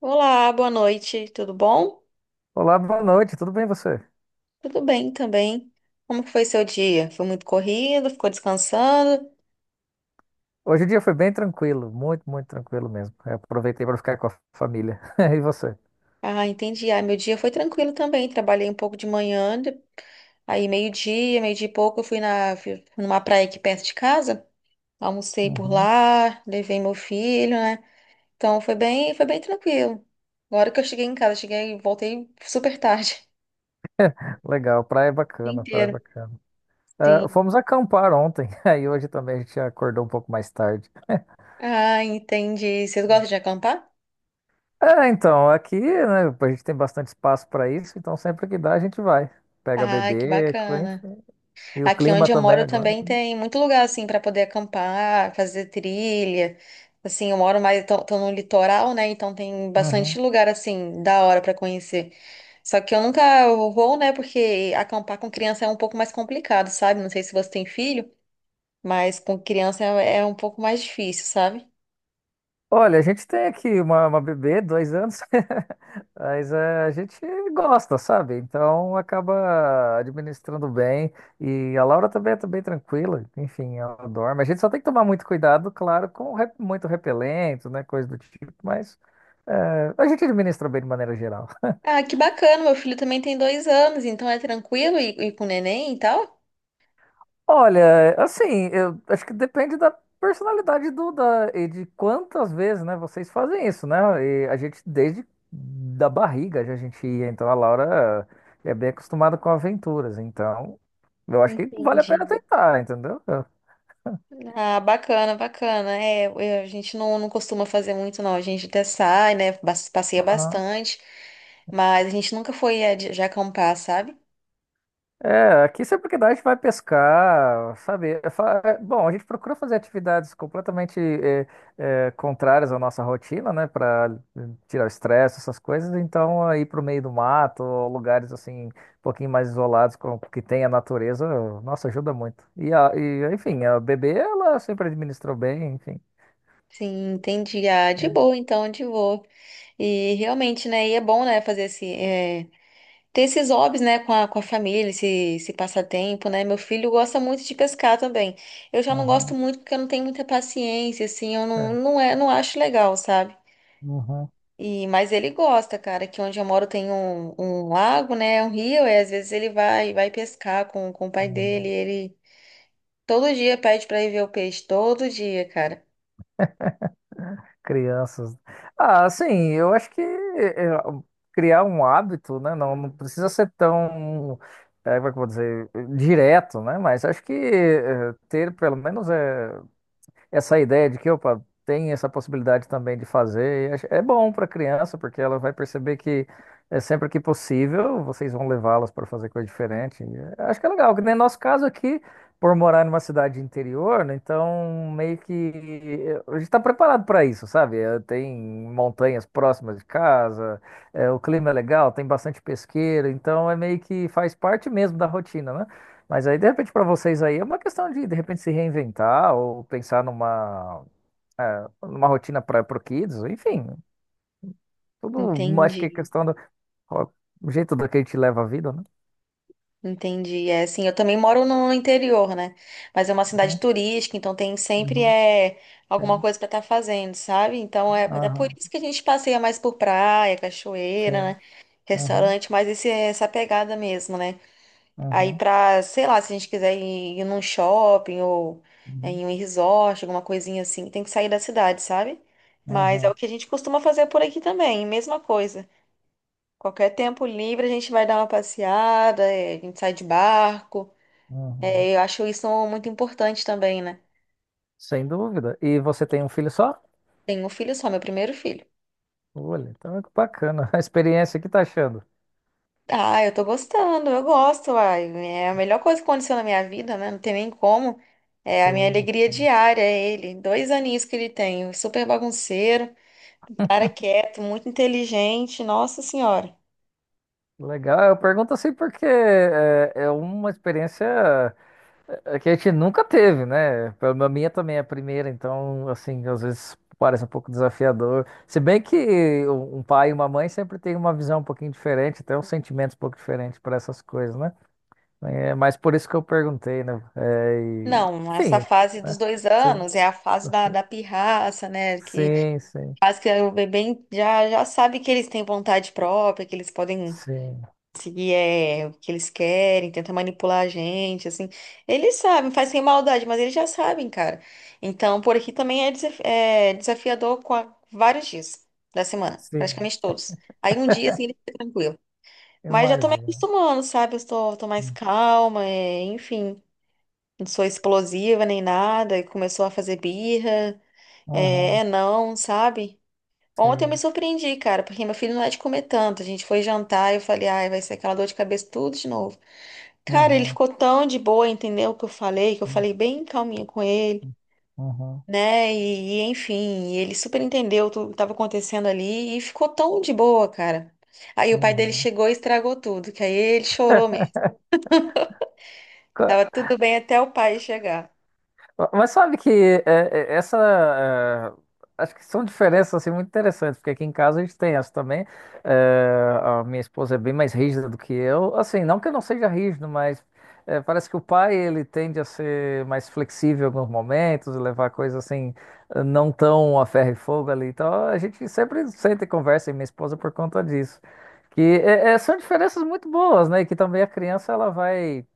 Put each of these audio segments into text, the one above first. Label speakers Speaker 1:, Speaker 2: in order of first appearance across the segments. Speaker 1: Olá, boa noite, tudo bom?
Speaker 2: Olá, boa noite, tudo bem você?
Speaker 1: Tudo bem também. Como que foi seu dia? Foi muito corrido? Ficou descansando?
Speaker 2: Hoje o dia foi bem tranquilo, muito, muito tranquilo mesmo. Eu aproveitei para ficar com a família. E você?
Speaker 1: Ah, entendi. Ah, meu dia foi tranquilo também. Trabalhei um pouco de manhã, aí meio-dia, meio-dia e pouco, eu fui numa praia aqui perto de casa, almocei por
Speaker 2: Uhum.
Speaker 1: lá, levei meu filho, né? Então foi bem tranquilo. Agora que eu cheguei em casa, voltei super tarde,
Speaker 2: Legal, praia é
Speaker 1: o dia
Speaker 2: bacana, praia é
Speaker 1: inteiro.
Speaker 2: bacana. Ah,
Speaker 1: Sim.
Speaker 2: fomos acampar ontem, aí hoje também a gente acordou um pouco mais tarde.
Speaker 1: Ah, entendi. Vocês gostam de acampar?
Speaker 2: É, então, aqui, né, a gente tem bastante espaço para isso, então sempre que dá a gente vai. Pega
Speaker 1: Ah, que
Speaker 2: bebê,
Speaker 1: bacana.
Speaker 2: enfim. E o
Speaker 1: Aqui
Speaker 2: clima
Speaker 1: onde eu
Speaker 2: também
Speaker 1: moro
Speaker 2: agora.
Speaker 1: também tem muito lugar assim para poder acampar, fazer trilha. Assim, eu moro mais tô no litoral, né? Então tem bastante
Speaker 2: Uhum.
Speaker 1: lugar assim da hora para conhecer. Só que eu nunca vou, né? Porque acampar com criança é um pouco mais complicado, sabe? Não sei se você tem filho, mas com criança é um pouco mais difícil, sabe?
Speaker 2: Olha, a gente tem aqui uma bebê, 2 anos, mas a gente gosta, sabe? Então acaba administrando bem. E a Laura também tá bem tranquila, enfim, ela dorme. A gente só tem que tomar muito cuidado, claro, com muito repelente, né? Coisa do tipo, mas a gente administra bem de maneira geral.
Speaker 1: Ah, que bacana! Meu filho também tem 2 anos, então é tranquilo e com neném e tal.
Speaker 2: Olha, assim, eu acho que depende da personalidade do da e de quantas vezes, né, vocês fazem isso, né? E a gente desde da barriga já a gente ia, então a Laura é bem acostumada com aventuras, então eu acho que vale a pena
Speaker 1: Entendi.
Speaker 2: tentar, entendeu?
Speaker 1: Ah, bacana, bacana. É, a gente não, não costuma fazer muito, não. A gente até sai, né? Passeia
Speaker 2: Aham.
Speaker 1: bastante, mas a gente nunca foi de acampar, sabe?
Speaker 2: É, aqui sempre que dá a gente vai pescar, sabe? Bom, a gente procura fazer atividades completamente contrárias à nossa rotina, né? Para tirar o estresse, essas coisas. Então, aí para o meio do mato, ou lugares assim, um pouquinho mais isolados, que tem a natureza, nossa, ajuda muito. E, enfim, a bebê, ela sempre administrou bem, enfim.
Speaker 1: Sim, entendi. Ah, de
Speaker 2: Sim.
Speaker 1: boa, então, de boa. E realmente, né? E é bom, né? Fazer esse, ter esses hobbies, né? Com a família, esse passatempo, né? Meu filho gosta muito de pescar também. Eu já não gosto
Speaker 2: Uhum,
Speaker 1: muito porque eu não tenho muita paciência, assim. Eu não,
Speaker 2: é,
Speaker 1: não, não acho legal, sabe?
Speaker 2: uhum,
Speaker 1: E, mas ele gosta, cara, que onde eu moro tem um lago, né? Um rio, e às vezes ele vai pescar com o pai
Speaker 2: uhum.
Speaker 1: dele. Ele todo dia pede pra ir ver o peixe, todo dia, cara.
Speaker 2: Crianças. Ah, sim, eu acho que é, criar um hábito, né? Não, não precisa ser tão, é, como é que eu vou dizer, direto, né? Mas acho que é, ter pelo menos é essa ideia de que, opa, tem essa possibilidade também de fazer, e é bom para a criança, porque ela vai perceber que é sempre que possível, vocês vão levá-las para fazer coisa diferente. E, é, acho que é legal, que nem nosso caso aqui, por morar numa cidade interior, né, então meio que é, a gente está preparado para isso, sabe? É, tem montanhas próximas de casa, é, o clima é legal, tem bastante pesqueiro, então é meio que faz parte mesmo da rotina, né? Mas aí, de repente, para vocês aí é uma questão de repente, se reinventar ou pensar numa rotina para o Kids, enfim, tudo acho que é
Speaker 1: Entendi,
Speaker 2: questão do ó, o jeito do que a gente leva a vida, né?
Speaker 1: entendi. É assim, eu também moro no interior, né? Mas é uma cidade
Speaker 2: Uhum,
Speaker 1: turística, então tem sempre
Speaker 2: uhum,
Speaker 1: alguma
Speaker 2: sim,
Speaker 1: coisa pra estar fazendo, sabe? Então é por
Speaker 2: aham,
Speaker 1: isso que a gente passeia mais por praia, cachoeira,
Speaker 2: sim,
Speaker 1: né?
Speaker 2: uhum,
Speaker 1: Restaurante, mas essa pegada mesmo, né? Aí
Speaker 2: uhum,
Speaker 1: pra, sei lá, se a gente quiser ir num shopping ou
Speaker 2: uhum,
Speaker 1: em um resort, alguma coisinha assim, tem que sair da cidade, sabe? Mas é o
Speaker 2: uhum,
Speaker 1: que a gente costuma fazer por aqui também, mesma coisa. Qualquer tempo livre a gente vai dar uma passeada, a gente sai de barco.
Speaker 2: uhum.
Speaker 1: É, eu acho isso muito importante também, né?
Speaker 2: Sem dúvida. E você tem um filho só?
Speaker 1: Tenho um filho só, meu primeiro filho.
Speaker 2: Olha, então é bacana a experiência, o que tá achando?
Speaker 1: Ah, eu tô gostando, eu gosto, uai. É a melhor coisa que aconteceu na minha vida, né? Não tem nem como. É a minha
Speaker 2: Sim,
Speaker 1: alegria
Speaker 2: sim.
Speaker 1: diária, é ele. 2 aninhos que ele tem, super bagunceiro. Cara quieto, muito inteligente, nossa senhora.
Speaker 2: Legal. Eu pergunto assim porque é uma experiência. É que a gente nunca teve, né? A minha também é a primeira, então, assim, às vezes parece um pouco desafiador. Se bem que um pai e uma mãe sempre têm uma visão um pouquinho diferente, até uns sentimentos um pouco diferentes para essas coisas, né? É, mas por isso que eu perguntei, né? É, e...
Speaker 1: Não, essa
Speaker 2: Enfim,
Speaker 1: fase dos
Speaker 2: né?
Speaker 1: dois
Speaker 2: Sim,
Speaker 1: anos é a fase da pirraça, né? Que
Speaker 2: sim, sim,
Speaker 1: faz que o bebê já sabe que eles têm vontade própria, que eles podem
Speaker 2: sim,
Speaker 1: seguir o que eles querem, tentar manipular a gente, assim. Eles sabem, faz sem maldade, mas eles já sabem, cara. Então, por aqui também é desafiador vários dias da semana,
Speaker 2: sim.
Speaker 1: praticamente todos. Aí um dia, assim, ele fica tranquilo. Mas já tô me
Speaker 2: Imagino.
Speaker 1: acostumando, sabe? Eu tô mais calma, enfim. Não sou explosiva nem nada. E começou a fazer birra. É,
Speaker 2: Uhum,
Speaker 1: é não, sabe? Ontem eu me
Speaker 2: sim,
Speaker 1: surpreendi, cara, porque meu filho não é de comer tanto. A gente foi jantar e eu falei, ai, vai ser aquela dor de cabeça tudo de novo. Cara, ele
Speaker 2: uhum,
Speaker 1: ficou tão de boa, entendeu o que eu
Speaker 2: uhum,
Speaker 1: falei bem calminha com ele,
Speaker 2: uhum.
Speaker 1: né? E, enfim, ele super entendeu tudo que estava acontecendo ali e ficou tão de boa, cara. Aí o pai dele
Speaker 2: Uhum.
Speaker 1: chegou e estragou tudo, que aí ele chorou. Tava tudo bem até o pai chegar.
Speaker 2: Mas sabe que é, essa. Acho que são diferenças assim, muito interessantes, porque aqui em casa a gente tem essa também. É, a minha esposa é bem mais rígida do que eu. Assim, não que eu não seja rígido, mas é, parece que o pai ele tende a ser mais flexível em alguns momentos, levar coisas assim, não tão a ferro e fogo ali. Então a gente sempre senta e conversa, e minha esposa por conta disso. Que são diferenças muito boas, né? E que também a criança ela vai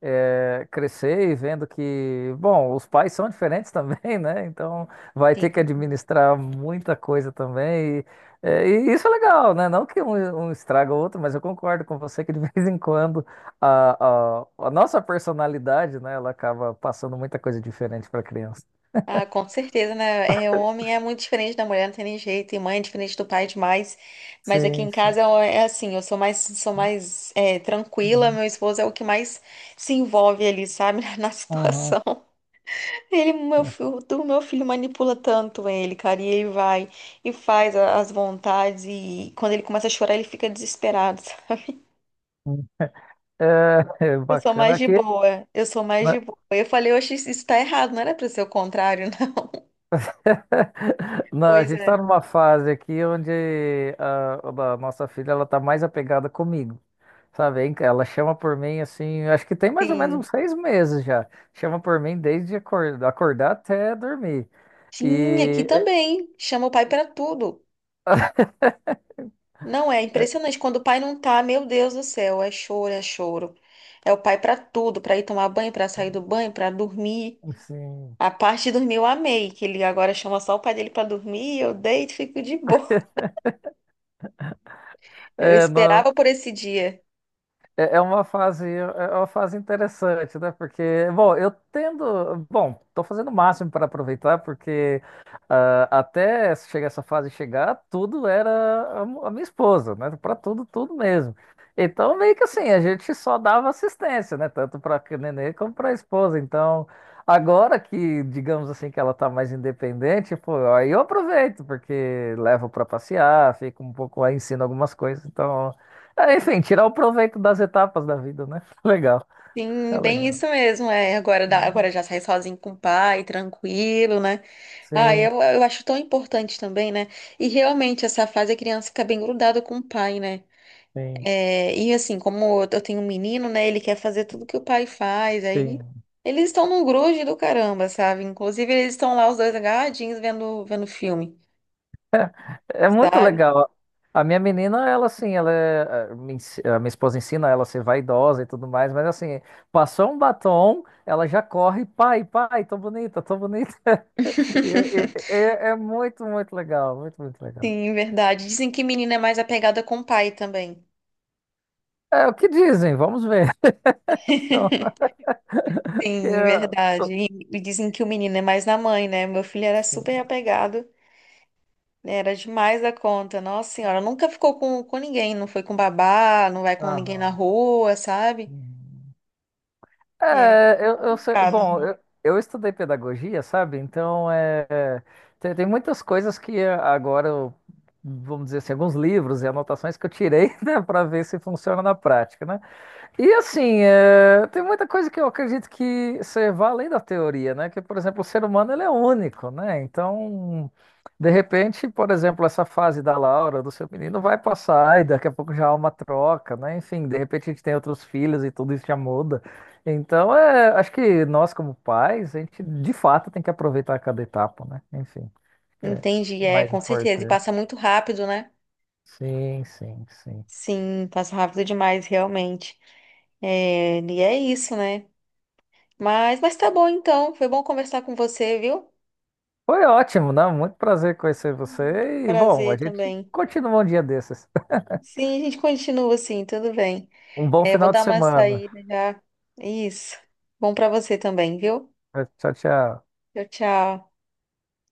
Speaker 2: é, crescer e vendo que, bom, os pais são diferentes também, né? Então vai ter que
Speaker 1: Sim.
Speaker 2: administrar muita coisa também. E isso é legal, né? Não que um estraga o outro, mas eu concordo com você que de vez em quando a nossa personalidade, né, ela acaba passando muita coisa diferente para a criança.
Speaker 1: Ah, com certeza, né? É, o homem é muito diferente da mulher, não tem nem jeito. E mãe é diferente do pai demais. Mas aqui
Speaker 2: Sim,
Speaker 1: em
Speaker 2: sim.
Speaker 1: casa é assim, eu sou mais, tranquila. Meu esposo é o que mais se envolve ali, sabe? Na
Speaker 2: Uhum. Uhum.
Speaker 1: situação. Ele, o meu filho manipula tanto ele, cara. E ele vai e faz as vontades. E quando ele começa a chorar, ele fica desesperado, sabe?
Speaker 2: É
Speaker 1: Eu sou
Speaker 2: bacana
Speaker 1: mais de
Speaker 2: aqui.
Speaker 1: boa. Eu sou mais
Speaker 2: Né?
Speaker 1: de boa. Eu falei, oxe, isso tá errado. Não era pra ser o contrário.
Speaker 2: Não, a
Speaker 1: Pois
Speaker 2: gente
Speaker 1: é.
Speaker 2: está numa fase aqui onde a nossa filha ela tá mais apegada comigo, sabe? Hein? Ela chama por mim assim, acho que tem mais ou menos
Speaker 1: Sim.
Speaker 2: uns 6 meses já. Chama por mim desde acordar até dormir.
Speaker 1: Sim, aqui
Speaker 2: E
Speaker 1: também. Chama o pai pra tudo. Não é impressionante. Quando o pai não tá, meu Deus do céu, é choro, é choro. É o pai pra tudo, pra ir tomar banho, pra sair do banho, pra dormir.
Speaker 2: sim.
Speaker 1: A parte de dormir eu amei, que ele agora chama só o pai dele pra dormir, eu deito e fico de boa. Eu
Speaker 2: É, nó-
Speaker 1: esperava por esse dia.
Speaker 2: é uma fase, é uma fase interessante, né? Porque, bom, eu tendo, bom, tô fazendo o máximo para aproveitar, porque ah, até chegar essa fase chegar, tudo era a minha esposa, né? Para tudo, tudo mesmo. Então, meio que assim, a gente só dava assistência, né? Tanto para a nenê como para a esposa. Então, agora que, digamos assim, que ela tá mais independente, pô, aí eu aproveito, porque levo para passear, fico um pouco aí, ensino algumas coisas, então. É, enfim, tirar o proveito das etapas da vida, né? Legal, é
Speaker 1: Sim, bem
Speaker 2: legal.
Speaker 1: isso mesmo. É, agora, agora já sai sozinho com o pai, tranquilo, né? Ah,
Speaker 2: Sim,
Speaker 1: eu acho tão importante também, né? E realmente, essa fase a criança fica bem grudada com o pai, né?
Speaker 2: sim,
Speaker 1: É, e assim, como eu tenho um menino, né? Ele quer fazer tudo que o pai faz, aí
Speaker 2: sim.
Speaker 1: eles estão num grude do caramba, sabe? Inclusive, eles estão lá os dois agarradinhos vendo filme,
Speaker 2: É muito
Speaker 1: sabe?
Speaker 2: legal. A minha menina, ela assim, ela é, a minha esposa ensina ela a ser vaidosa e tudo mais, mas assim, passou um batom, ela já corre, pai, pai, tô bonita, tô bonita. E É, é- é muito, muito legal, muito, muito legal.
Speaker 1: Sim, verdade. Dizem que menina é mais apegada com o pai também.
Speaker 2: É o que dizem, vamos ver. Então, que,
Speaker 1: Sim, verdade. E, dizem que o menino é mais na mãe, né? Meu filho era
Speaker 2: sim,
Speaker 1: super apegado, né? Era demais da conta. Nossa senhora, nunca ficou com ninguém, não foi com babá, não vai com ninguém na
Speaker 2: aham.
Speaker 1: rua, sabe?
Speaker 2: Uhum.
Speaker 1: É,
Speaker 2: É, bom,
Speaker 1: complicado.
Speaker 2: eu estudei pedagogia, sabe? Então, é, tem muitas coisas que é, agora, vamos dizer assim, alguns livros e anotações que eu tirei, né, para ver se funciona na prática, né? E assim, é, tem muita coisa que eu acredito que você vá além da teoria, né? Que, por exemplo, o ser humano ele é único, né? Então, de repente, por exemplo, essa fase da Laura, do seu menino, vai passar e daqui a pouco já há uma troca, né? Enfim, de repente a gente tem outros filhos e tudo isso já muda. Então, é, acho que nós, como pais, a gente de fato tem que aproveitar cada etapa, né? Enfim, acho que é
Speaker 1: Entendi, é,
Speaker 2: mais
Speaker 1: com certeza. E
Speaker 2: importante.
Speaker 1: passa muito rápido, né?
Speaker 2: Sim, sim, sim.
Speaker 1: Sim, passa rápido demais, realmente. É, e é isso, né? Mas tá bom então. Foi bom conversar com você, viu?
Speaker 2: Foi ótimo, né? Muito prazer conhecer você. E, bom,
Speaker 1: Prazer
Speaker 2: a gente
Speaker 1: também.
Speaker 2: continua um dia desses.
Speaker 1: Sim, a gente continua assim, tudo bem.
Speaker 2: Um bom
Speaker 1: É, vou
Speaker 2: final de
Speaker 1: dar uma
Speaker 2: semana.
Speaker 1: saída já. Isso. Bom pra você também, viu?
Speaker 2: Tchau, tchau.
Speaker 1: Tchau, tchau.